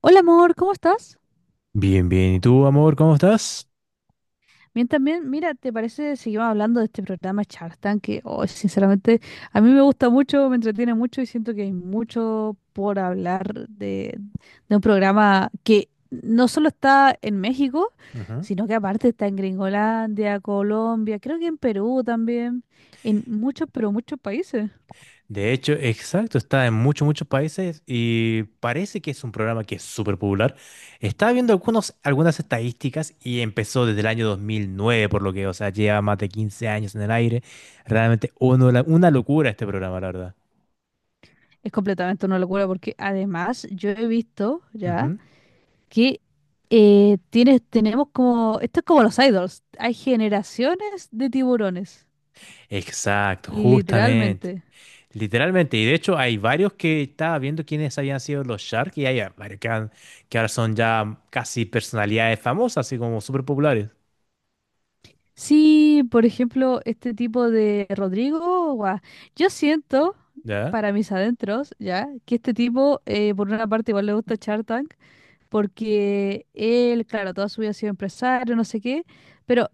Hola amor, ¿cómo estás? Bien, bien. ¿Y tú, amor, cómo estás? Bien, también, mira, ¿te parece seguimos hablando de este programa Shark Tank? Que, oh, sinceramente, a mí me gusta mucho, me entretiene mucho y siento que hay mucho por hablar de un programa que no solo está en México, Ujú. sino que aparte está en Gringolandia, Colombia, creo que en Perú también, en muchos, pero muchos países. De hecho, exacto, está en muchos, muchos países y parece que es un programa que es súper popular. Estaba viendo algunas estadísticas y empezó desde el año 2009, por lo que, o sea, lleva más de 15 años en el aire. Realmente una locura este programa, la verdad. Es completamente una locura porque además yo he visto, ¿ya? Ujú. Que tenemos como, esto es como los idols, hay generaciones de tiburones, Exacto, justamente. literalmente. Literalmente, y de hecho hay varios que estaba viendo quiénes habían sido los Shark y hay varios que ahora son ya casi personalidades famosas, así como súper populares. Sí, por ejemplo, este tipo de Rodrigo, guau, yo siento, ¿Ya? para mis adentros, ya, que este tipo, por una parte, igual le gusta Shark Tank, porque él, claro, toda su vida ha sido empresario, no sé qué, pero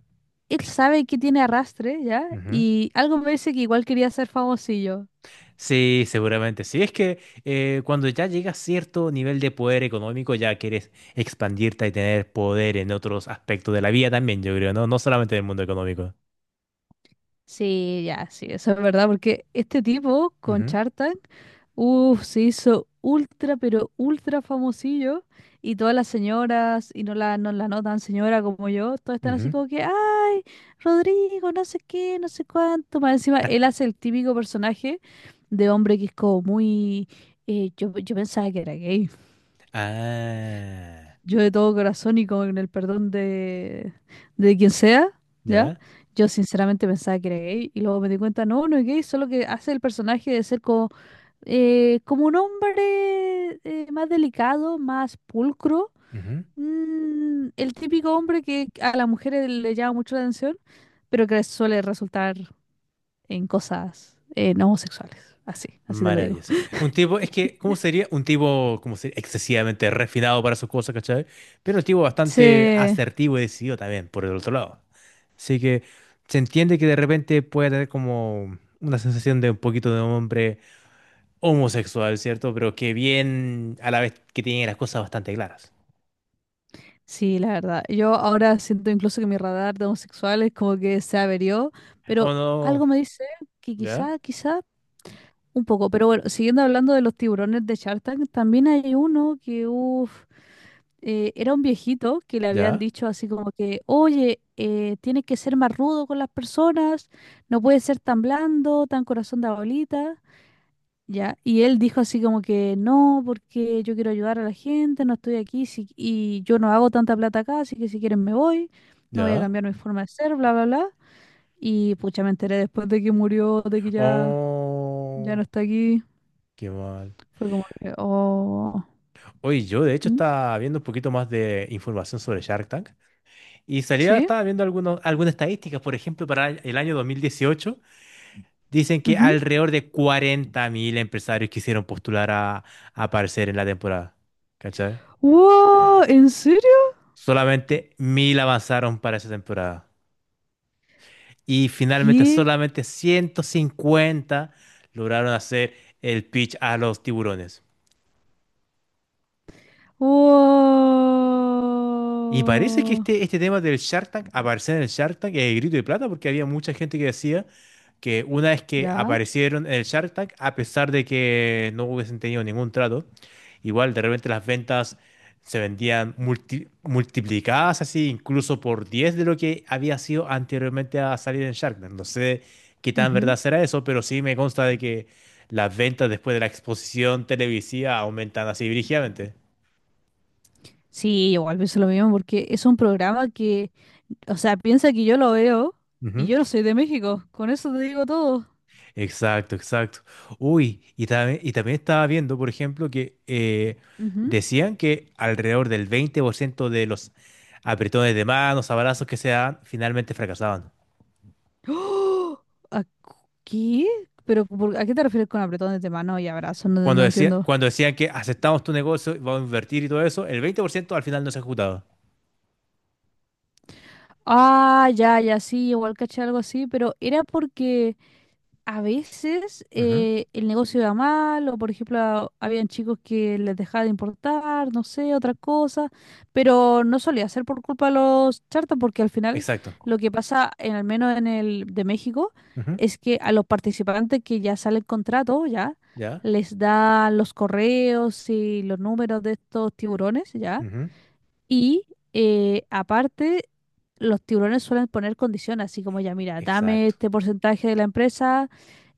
él sabe que tiene arrastre, ya, y algo me dice que igual quería ser famosillo. Sí, seguramente. Sí, es que cuando ya llegas a cierto nivel de poder económico, ya quieres expandirte y tener poder en otros aspectos de la vida también, yo creo, ¿no? No solamente del mundo económico. Sí, ya, sí, eso es verdad, porque este tipo con Ujú, Shark Tank, uff, se hizo ultra, pero ultra famosillo, y todas las señoras, y no la notan señora como yo, todas están así ujú. como que, ay, Rodrigo, no sé qué, no sé cuánto, más encima, él hace el típico personaje de hombre que es como muy, yo pensaba que era gay, Ah, yo de todo corazón y con el perdón de quien sea, ¿ya? ya. Yo sinceramente pensaba que era gay y luego me di cuenta, no, no es gay, solo que hace el personaje de ser como, como un hombre más delicado, más pulcro, Ujú. El típico hombre que a las mujeres le llama mucho la atención, pero que suele resultar en cosas no homosexuales, así, así te lo digo. Maravilloso. Un tipo, es que, ¿cómo sería? Un tipo, ¿como sería? Excesivamente refinado para sus cosas, ¿cachai? Pero un tipo bastante Sí, asertivo y decidido también, por el otro lado. Así que se entiende que de repente puede tener como una sensación de un poquito de hombre homosexual, ¿cierto? Pero que bien, a la vez que tiene las cosas bastante claras. Sí, la verdad. Yo ahora siento incluso que mi radar de homosexuales como que se averió, Oh, pero no. algo me dice que ¿Ya? quizá, quizá un poco. Pero bueno, siguiendo hablando de los tiburones de Shark Tank, también hay uno que, uff, era un viejito que le habían ¿Ya? dicho así como que, oye, tienes que ser más rudo con las personas, no puedes ser tan blando, tan corazón de abuelita. Ya, y él dijo así como que no, porque yo quiero ayudar a la gente, no estoy aquí y yo no hago tanta plata acá, así que si quieren me voy, no voy a ¿Ya? cambiar mi forma de ser, bla, bla, bla. Y pucha, me enteré después de que murió, de que ya, ya Oh, no está aquí. qué mal. Fue como que, oh, Oye, yo de hecho ¿Mm? estaba viendo un poquito más de información sobre Shark Tank y salía, ¿Sí? estaba viendo algunas estadísticas, por ejemplo, para el año 2018, dicen que Ujú. alrededor de 40.000 empresarios quisieron postular a aparecer en la temporada. ¿Cachai? ¡Wow! ¿En serio? Solamente mil avanzaron para esa temporada. Y finalmente ¿Qué? solamente 150 lograron hacer el pitch a los tiburones. Y parece que ¡Wow! este tema del Shark Tank, aparecer en el Shark Tank, es el grito de plata, porque había mucha gente que decía que una vez que Ya. aparecieron en el Shark Tank, a pesar de que no hubiesen tenido ningún trato, igual de repente las ventas se vendían multiplicadas así, incluso por 10 de lo que había sido anteriormente a salir en Shark Tank. No sé qué tan Ujú. verdad será eso, pero sí me consta de que las ventas después de la exposición televisiva aumentan así brígidamente. Sí, igual pienso lo mismo porque es un programa que o sea, piensa que yo lo veo y yo no soy de México. Con eso te digo todo. Exacto, exacto. Uy, y también estaba viendo, por ejemplo, que Ujú. decían que alrededor del 20% de los apretones de manos, abrazos que se dan, finalmente fracasaban. ¡Oh! ¿A qué? ¿Pero a qué te refieres con apretones de mano y abrazos? No, Cuando no decía, entiendo. cuando decían que aceptamos tu negocio, vamos a invertir y todo eso, el 20% al final no se ejecutaba. Ah, ya, ya, sí, igual caché algo así, pero era porque a veces Ujú. El negocio iba mal, o por ejemplo, habían chicos que les dejaba de importar, no sé, otra cosa, pero no solía ser por culpa de los charters, porque al final Exacto. lo que pasa, al menos en el de México, Ujú. es que a los participantes que ya sale el contrato, ya, ¿Ya? les dan los correos y los números de estos tiburones, ya, Ujú. y aparte, los tiburones suelen poner condiciones, así como ya, mira, dame Exacto. este porcentaje de la empresa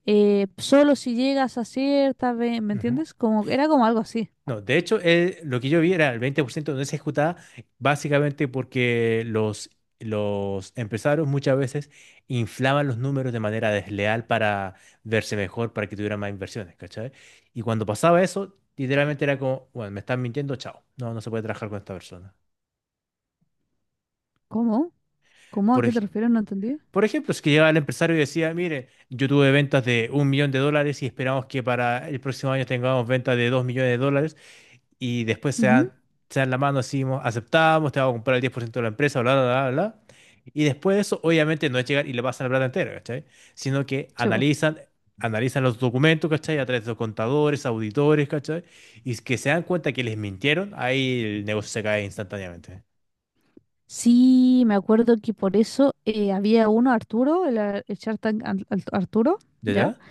solo si llegas a cierta, ¿me Ujú. entiendes? Como, era como algo así. No, de hecho, lo que yo vi era el 20% no se ejecutaba básicamente porque los empresarios muchas veces inflaban los números de manera desleal para verse mejor, para que tuvieran más inversiones, ¿cachai? Y cuando pasaba eso, literalmente era como, bueno, me están mintiendo, chao, no, no se puede trabajar con esta persona. ¿Cómo? ¿Cómo? ¿A Por, qué te ej- refieres? No entendí. por ejemplo, es que llegaba el empresario y decía, mire, yo tuve ventas de 1 millón de dólares y esperamos que para el próximo año tengamos ventas de 2 millones de dólares, y después se Ujú, dan, se dan la mano, así, aceptamos, te vamos a comprar el 10% de la empresa, bla, bla, bla, bla. Y después de eso, obviamente, no es llegar y le pasan la plata entera, ¿cachai? Sino que sí, po. analizan, analizan los documentos, ¿cachai? A través de los contadores, auditores, ¿cachai? Y es que se dan cuenta que les mintieron, ahí el negocio se cae instantáneamente. Sí, me acuerdo que por eso había uno, Arturo, el Shark Tank Arturo, ¿Ya, ¿ya? ya?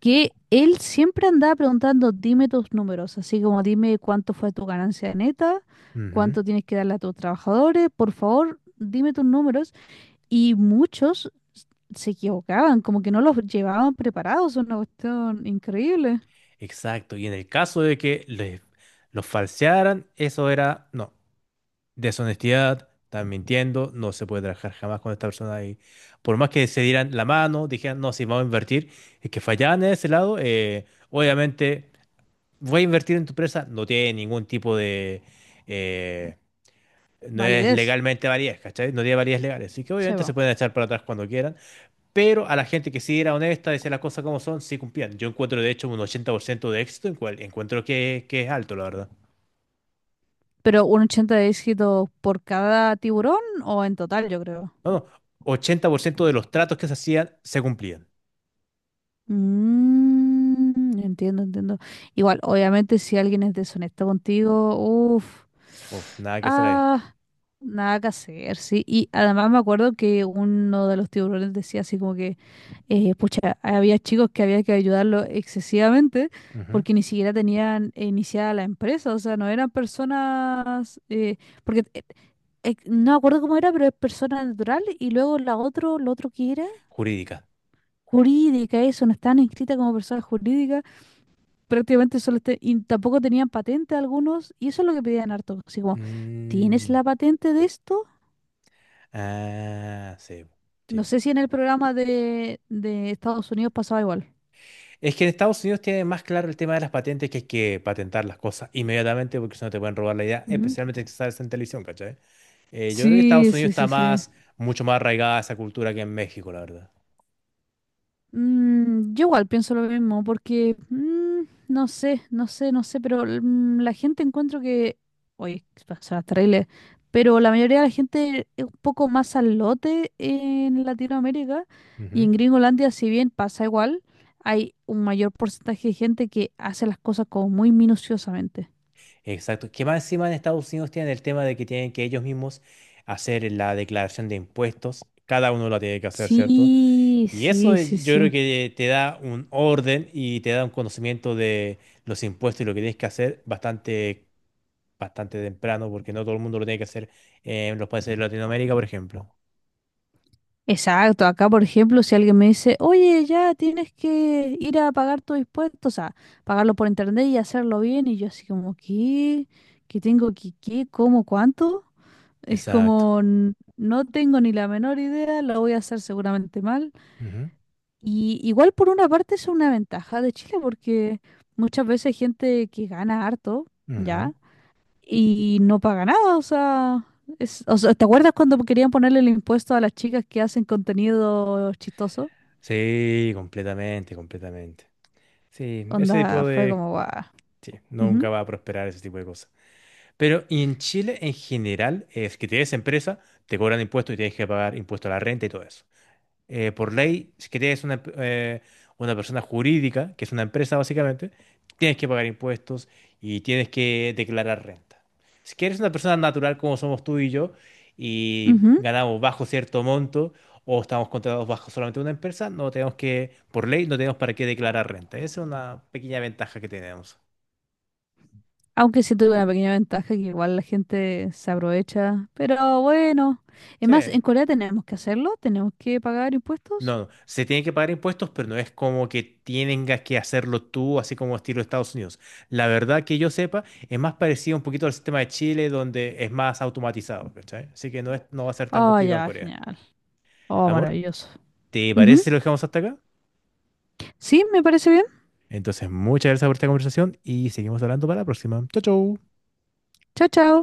Que él siempre andaba preguntando, dime tus números, así como dime cuánto fue tu ganancia neta, Ujú. cuánto tienes que darle a tus trabajadores, por favor, dime tus números. Y muchos se equivocaban, como que no los llevaban preparados, es una cuestión increíble. Exacto. Y en el caso de que los falsearan, eso era, no. Deshonestidad, están mintiendo, no se puede trabajar jamás con esta persona ahí. Por más que se dieran la mano, dijeran, no, si vamos a invertir, es que fallaban en ese lado, obviamente, voy a invertir en tu empresa, no tiene ningún tipo de. eh, no es Validez, legalmente validez, ¿cachai? No tiene validez legales, así que se obviamente se va. pueden echar para atrás cuando quieran, pero a la gente que sí era honesta, decía las cosas como son, sí cumplían. Yo encuentro, de hecho, un 80% de éxito, en cual encuentro que es alto, la verdad. Pero un 80 de éxito por cada tiburón o en total, yo creo. No, no, 80% de los tratos que se hacían se cumplían. Entiendo, entiendo. Igual, obviamente, si alguien es deshonesto contigo, uff, Uf, nada que hacer ahí. ah, nada que hacer, sí. Y además me acuerdo que uno de los tiburones decía así como que pucha, había chicos que había que ayudarlo excesivamente Ujú. porque ni siquiera tenían iniciada la empresa, o sea, no eran personas, porque no me acuerdo cómo era, pero es persona natural y luego lo otro que era Jurídica. jurídica, eso, no estaban inscritas como personas jurídicas, prácticamente solo y tampoco tenían patente algunos, y eso es lo que pedían harto, así como, ¿tienes Mm. la patente de esto? Ah, sí. No Sí. sé si en el programa de Estados Unidos pasaba igual. Es que en Estados Unidos tiene más claro el tema de las patentes que hay que patentar las cosas inmediatamente porque si no te pueden robar la idea, Ujú. especialmente si sales en televisión, ¿cachai? Yo creo que Estados Sí, Unidos sí, está sí, sí. Mucho más arraigada esa cultura que en México, la verdad. Yo igual pienso lo mismo, porque no sé, no sé, no sé, pero la gente encuentro que, oye, suena terrible, pero la mayoría de la gente es un poco más al lote en Latinoamérica y Ujú. en Gringolandia, si bien pasa igual, hay un mayor porcentaje de gente que hace las cosas como muy minuciosamente. Exacto. Que más encima en Estados Unidos tienen el tema de que tienen que ellos mismos hacer la declaración de impuestos. Cada uno la tiene que hacer, ¿cierto? Sí, Y eso sí, sí, yo creo sí. que te da un orden y te da un conocimiento de los impuestos y lo que tienes que hacer bastante, bastante temprano, porque no todo el mundo lo tiene que hacer en los países de Latinoamérica, por ejemplo. Exacto, acá por ejemplo, si alguien me dice, oye, ya tienes que ir a pagar tu impuesto, o sea, pagarlo por internet y hacerlo bien, y yo así como, ¿qué? ¿Qué tengo que, qué, cómo, cuánto? Es Exacto. como, no tengo ni la menor idea, lo voy a hacer seguramente mal. Ujú, Y igual por una parte es una ventaja de Chile, porque muchas veces gente que gana harto, ujú. ¿ya? Y no paga nada, o sea, o sea, ¿te acuerdas cuando querían ponerle el impuesto a las chicas que hacen contenido chistoso? Sí, completamente, completamente. Sí, ese Onda, tipo fue de. como, guau. Nunca Ujú, va a prosperar ese tipo de cosas. Pero y en Chile en general es que tienes empresa, te cobran impuestos y tienes que pagar impuestos a la renta y todo eso. Por ley, si quieres una persona jurídica, que es una empresa básicamente, tienes que pagar impuestos y tienes que declarar renta. Si quieres una persona natural como somos tú y yo y ujú. ganamos bajo cierto monto o estamos contratados bajo solamente una empresa, no tenemos que, por ley, no tenemos para qué declarar renta. Esa es una pequeña ventaja que tenemos. Aunque sí tuve una pequeña ventaja que igual la gente se aprovecha, pero bueno. Es Sí. más, en Corea tenemos que hacerlo, tenemos que pagar impuestos. No, no, se tiene que pagar impuestos, pero no es como que tengas que hacerlo tú, así como estilo Estados Unidos. La verdad que yo sepa, es más parecido un poquito al sistema de Chile, donde es más automatizado, ¿cachai? Así que no va a ser tan Oh, complicado en ya, Corea. genial. Oh, Amor, maravilloso. ¿te parece Ujú. si lo dejamos hasta acá? Sí, me parece bien. Entonces, muchas gracias por esta conversación y seguimos hablando para la próxima. Chau, chau. Chao, chao.